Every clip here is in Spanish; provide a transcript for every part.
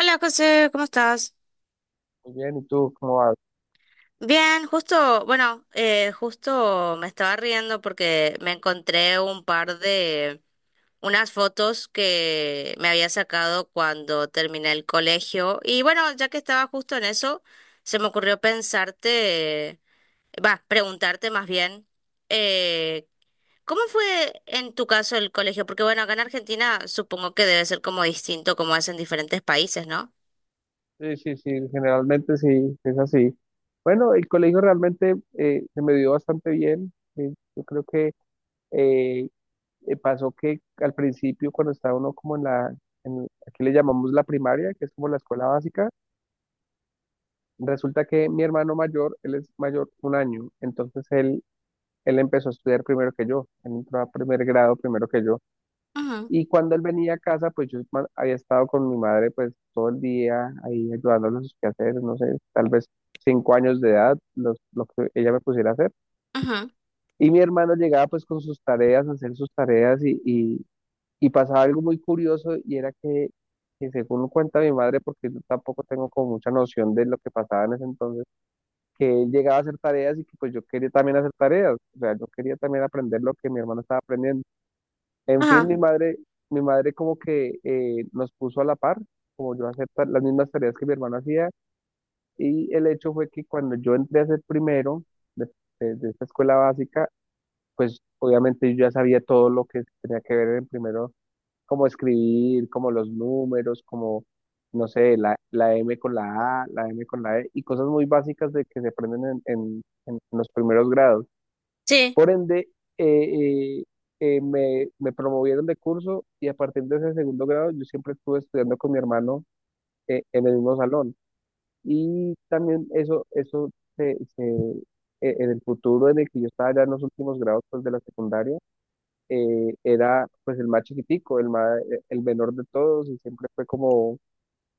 Hola José, ¿cómo estás? Muy bien, ¿y tú cómo vas? Bien, justo, bueno, justo me estaba riendo porque me encontré un par de, unas fotos que me había sacado cuando terminé el colegio. Y bueno, ya que estaba justo en eso, se me ocurrió pensarte, va, preguntarte más bien, eh, ¿cómo fue en tu caso el colegio? Porque bueno, acá en Argentina supongo que debe ser como distinto como es en diferentes países, ¿no? Sí, sí, sí, generalmente sí, es así. Bueno, el colegio realmente se me dio bastante bien. Yo creo que eh, pasó que al principio, cuando estaba uno como aquí le llamamos la primaria, que es como la escuela básica. Resulta que mi hermano mayor, él es mayor un año, entonces él empezó a estudiar primero que yo, él entró a primer grado primero que yo. Ujú, Y cuando él venía a casa, pues yo había estado con mi madre pues todo el día ahí ayudándole a sus quehaceres, no sé, tal vez 5 años de edad, lo que ella me pusiera a hacer. ujú. Y mi hermano llegaba pues con sus tareas, a hacer sus tareas, y pasaba algo muy curioso, y era que según cuenta mi madre, porque yo tampoco tengo como mucha noción de lo que pasaba en ese entonces, que él llegaba a hacer tareas y que pues yo quería también hacer tareas, o sea, yo quería también aprender lo que mi hermano estaba aprendiendo. En fin, Ajá. mi madre como que nos puso a la par, como yo a hacer las mismas tareas que mi hermano hacía, y el hecho fue que cuando yo entré a ser primero de, de esta escuela básica, pues obviamente yo ya sabía todo lo que tenía que ver en primero, como escribir, como los números, como, no sé, la, la M con la A, la M con la E, y cosas muy básicas de que se aprenden en los primeros grados. Sí. Por ende, eh, eh, me promovieron de curso, y a partir de ese segundo grado yo siempre estuve estudiando con mi hermano, en el mismo salón. Y también eso, eso se, se- en el futuro en el que yo estaba ya en los últimos grados pues, de la secundaria, era pues el más chiquitico, el menor de todos, y siempre fue como,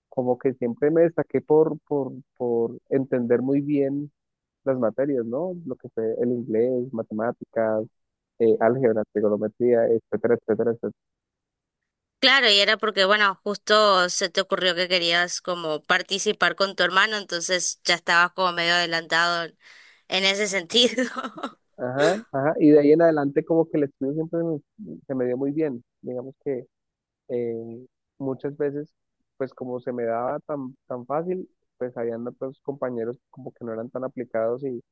como que siempre me destaqué por, por entender muy bien las materias, ¿no? Lo que fue el inglés, matemáticas, álgebra, trigonometría, etcétera, etcétera, etcétera. Claro, y era porque, bueno, justo se te ocurrió que querías como participar con tu hermano, entonces ya estabas como medio adelantado en ese sentido. Ajá, ajá. Y de ahí en adelante como que el estudio siempre se me dio muy bien. Digamos que eh, muchas veces, pues como se me daba tan, tan fácil, pues habían otros compañeros como que no eran tan aplicados, y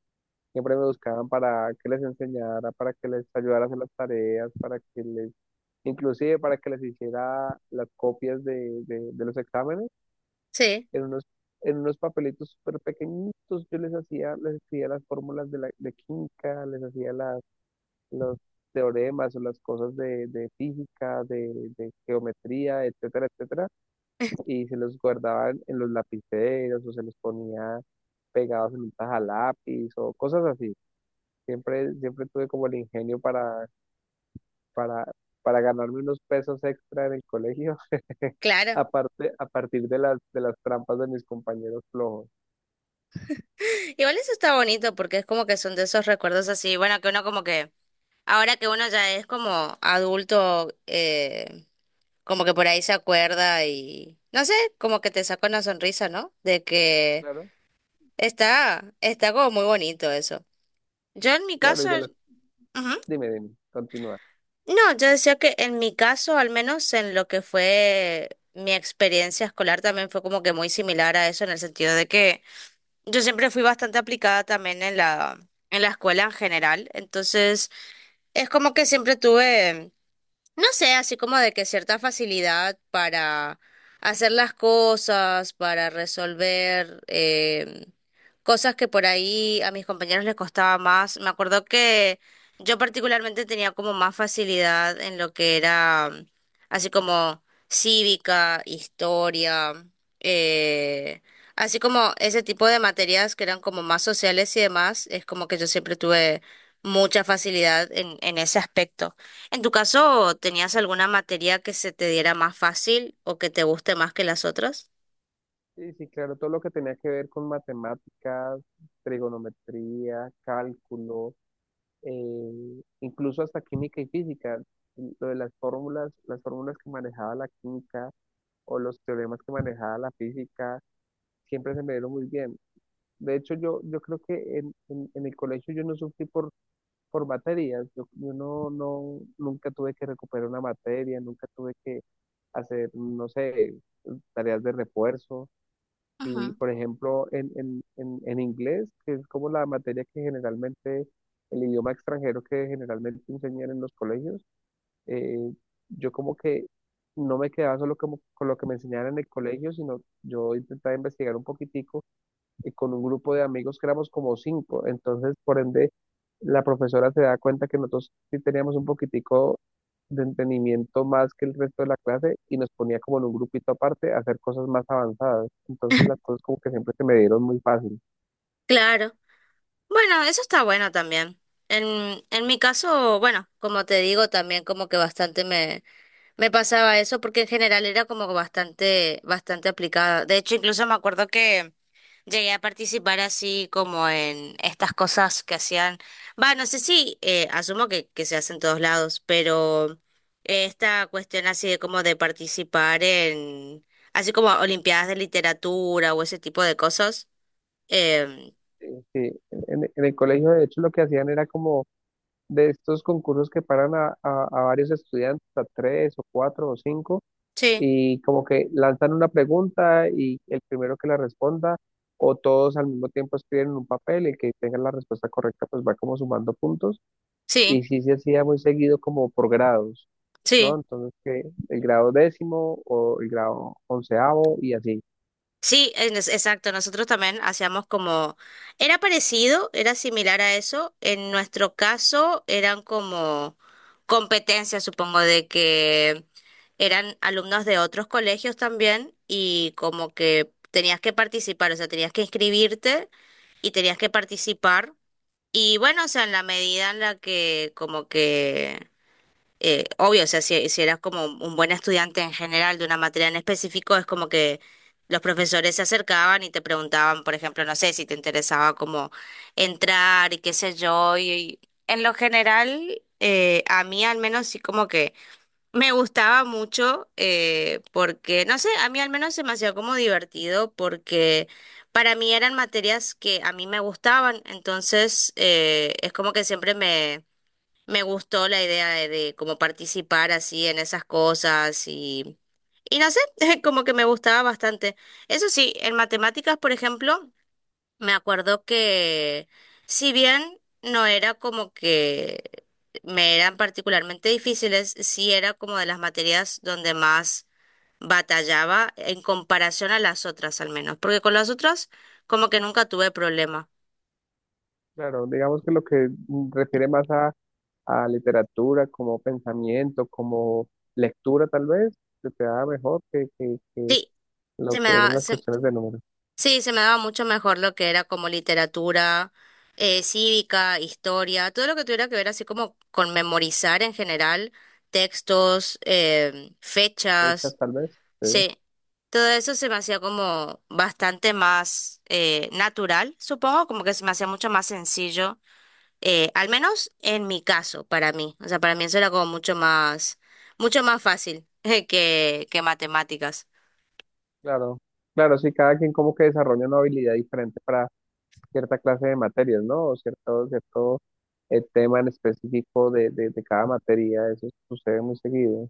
siempre me buscaban para que les enseñara, para que les ayudara a hacer las tareas, inclusive para que les hiciera las copias de los exámenes, Sí, en unos, en unos papelitos súper pequeñitos. Yo les hacía, les escribía las fórmulas de química, les hacía las, los teoremas o las cosas de física, de geometría, etcétera, etcétera, y se los guardaban en los lapiceros, o se los ponía pegados en un lápiz o cosas así. Siempre, siempre tuve como el ingenio para, para, para ganarme unos pesos extra en el colegio, claro. aparte, a partir de las trampas de mis compañeros flojos. Igual eso está bonito porque es como que son de esos recuerdos así, bueno, que uno como que, ahora que uno ya es como adulto, como que por ahí se acuerda y, no sé, como que te saca una sonrisa, ¿no? De que Claro. está, está como muy bonito eso. Yo en mi Claro, y caso... de las... ujú. Dime, dime, continúa. No, yo decía que en mi caso, al menos en lo que fue mi experiencia escolar, también fue como que muy similar a eso, en el sentido de que yo siempre fui bastante aplicada también en la escuela en general. Entonces, es como que siempre tuve no sé, así como de que cierta facilidad para hacer las cosas, para resolver cosas que por ahí a mis compañeros les costaba más. Me acuerdo que yo particularmente tenía como más facilidad en lo que era así como cívica, historia, eh, así como ese tipo de materias que eran como más sociales y demás, es como que yo siempre tuve mucha facilidad en ese aspecto. En tu caso, ¿tenías alguna materia que se te diera más fácil o que te guste más que las otras? Sí, sí, claro, todo lo que tenía que ver con matemáticas, trigonometría, cálculo, incluso hasta química y física, lo de las fórmulas que manejaba la química, o los teoremas que manejaba la física, siempre se me dieron muy bien. De hecho, yo creo que en el colegio yo no sufrí por materias. Yo no, no, nunca tuve que recuperar una materia, nunca tuve que hacer, no sé, tareas de refuerzo. Y, Ujú. por ejemplo, en inglés, que es como la materia que generalmente, el idioma extranjero que generalmente enseñan en los colegios, eh, yo como que no me quedaba solo como con lo que me enseñaron en el colegio, sino yo intentaba investigar un poquitico y con un grupo de amigos que éramos como cinco. Entonces, por ende, la profesora se da cuenta que nosotros sí teníamos un poquitico de entendimiento más que el resto de la clase, y nos ponía como en un grupito aparte a hacer cosas más avanzadas. Entonces las cosas como que siempre se me dieron muy fácil. Claro. Bueno, eso está bueno también. En mi caso, bueno, como te digo, también como que bastante me me pasaba eso porque en general era como bastante, bastante aplicada. De hecho, incluso me acuerdo que llegué a participar así como en estas cosas que hacían. Va, no sé si, asumo que se hace en todos lados, pero esta cuestión así de como de participar en, así como olimpiadas de literatura o ese tipo de cosas. em, Sí, en el colegio de hecho lo que hacían era como de estos concursos que paran a, a varios estudiantes, a tres o cuatro o cinco, sí, y como que lanzan una pregunta, y el primero que la responda, o todos al mismo tiempo escriben en un papel, el que tenga la respuesta correcta pues va como sumando puntos, sí, y sí se hacía muy seguido como por grados, ¿no? sí. Entonces que el grado décimo o el grado onceavo y así. Sí, en exacto. Nosotros también hacíamos como, era parecido, era similar a eso. En nuestro caso eran como competencias, supongo, de que eran alumnos de otros colegios también y como que tenías que participar, o sea, tenías que inscribirte y tenías que participar. Y bueno, o sea, en la medida en la que como que obvio, o sea, si, si eras como un buen estudiante en general de una materia en específico, es como que los profesores se acercaban y te preguntaban, por ejemplo, no sé, si te interesaba como entrar y qué sé yo, y en lo general, a mí al menos sí como que me gustaba mucho, porque, no sé, a mí al menos se me hacía como divertido porque... Para mí eran materias que a mí me gustaban, entonces es como que siempre me me gustó la idea de cómo participar así en esas cosas y no sé, como que me gustaba bastante. Eso sí, en matemáticas, por ejemplo, me acuerdo que si bien no era como que me eran particularmente difíciles, sí era como de las materias donde más batallaba en comparación a las otras al menos, porque con las otras como que nunca tuve problema. Claro, digamos que lo que refiere más a literatura como pensamiento, como lectura tal vez, se te da mejor que, que Sí, se lo me que eran daba, las cuestiones de números, sí, se me daba mucho mejor lo que era como literatura, cívica, historia, todo lo que tuviera que ver así como con memorizar en general, textos, fechas fechas, tal vez. Sí. sí, todo eso se me hacía como bastante más natural, supongo, como que se me hacía mucho más sencillo, al menos en mi caso, para mí, o sea, para mí eso era como mucho más fácil que matemáticas. Claro, claro, sí, cada quien como que desarrolla una habilidad diferente para cierta clase de materias, ¿no? O cierto tema en específico de cada materia, eso sucede muy seguido.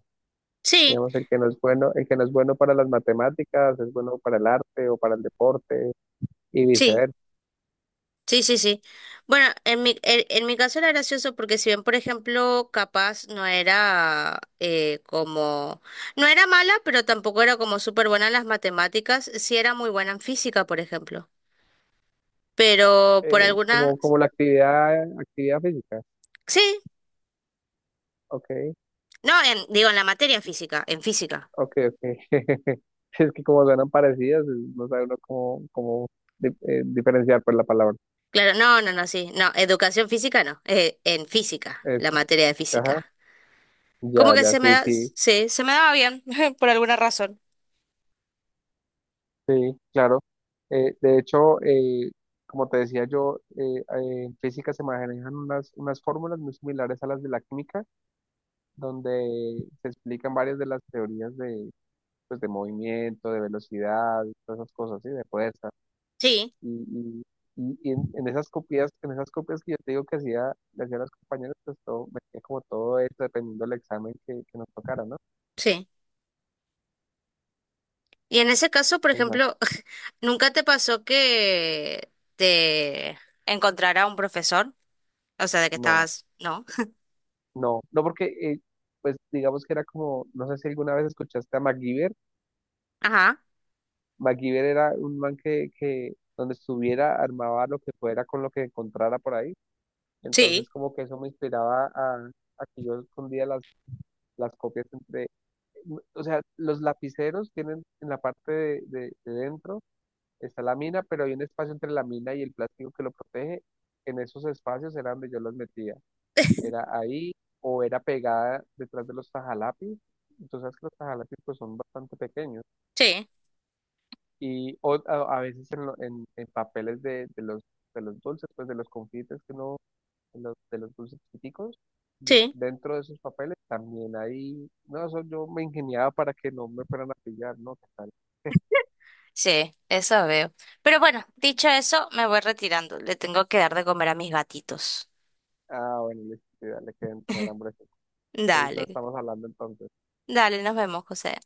Sí, Digamos, el que no es bueno, el que no es bueno para las matemáticas, es bueno para el arte o para el deporte y sí. viceversa. Sí, sí, sí. Bueno, en mi caso era gracioso porque si bien, por ejemplo, capaz no era como... No era mala, pero tampoco era como súper buena en las matemáticas, sí era muy buena en física, por ejemplo. Pero por alguna... como, la actividad física. Sí, Ok, no, en, digo, en la materia física, en física. ok, ok. Es que como suenan parecidas, no sabe uno cómo, diferenciar por la palabra. Claro, no, no, no, sí. No, educación física no, en física, la Eso. materia de física. Como Ya, que ya, se me sí, da... sí, Sí, se me daba bien, por alguna razón. sí, claro. De hecho, como te decía yo, en física se manejan unas fórmulas muy similares a las de la química, donde se explican varias de las teorías pues de movimiento, de velocidad, todas esas cosas, ¿sí? De fuerza. Sí, Y, y, y en esas copias, en esas copias que yo te digo que hacía, le hacía a los compañeros, pues todo, metía como todo esto, dependiendo del examen que nos tocara, ¿no? sí. Y en ese caso, por ejemplo, Exacto. ¿nunca te pasó que te encontrara un profesor? O sea, de que No. estabas, ¿no? No, no porque, pues digamos que era como, no sé si alguna vez escuchaste a MacGyver. Ajá, MacGyver era un man que donde estuviera armaba lo que fuera con lo que encontrara por ahí. Entonces sí, como que eso me inspiraba a, que yo escondía las, copias entre... O sea, los lapiceros tienen en la parte de dentro, está la mina, pero hay un espacio entre la mina y el plástico que lo protege. En esos espacios era donde yo los metía. Era ahí, o era pegada detrás de los tajalapis. Tú sabes que los tajalapis pues son bastante pequeños, sí, y a veces en papeles de los dulces, pues de los confites que uno, de los dulces chiquiticos, sí. dentro de esos papeles también ahí, no, eso yo me ingeniaba para que no me fueran a pillar, ¿no? ¿Qué tal? Sí, eso veo. Pero bueno, dicho eso, me voy retirando. Le tengo que dar de comer a mis gatitos. Ah, bueno, listo, sí, dale, que deben tener hambre. No Dale, estamos hablando entonces. dale, nos vemos, José.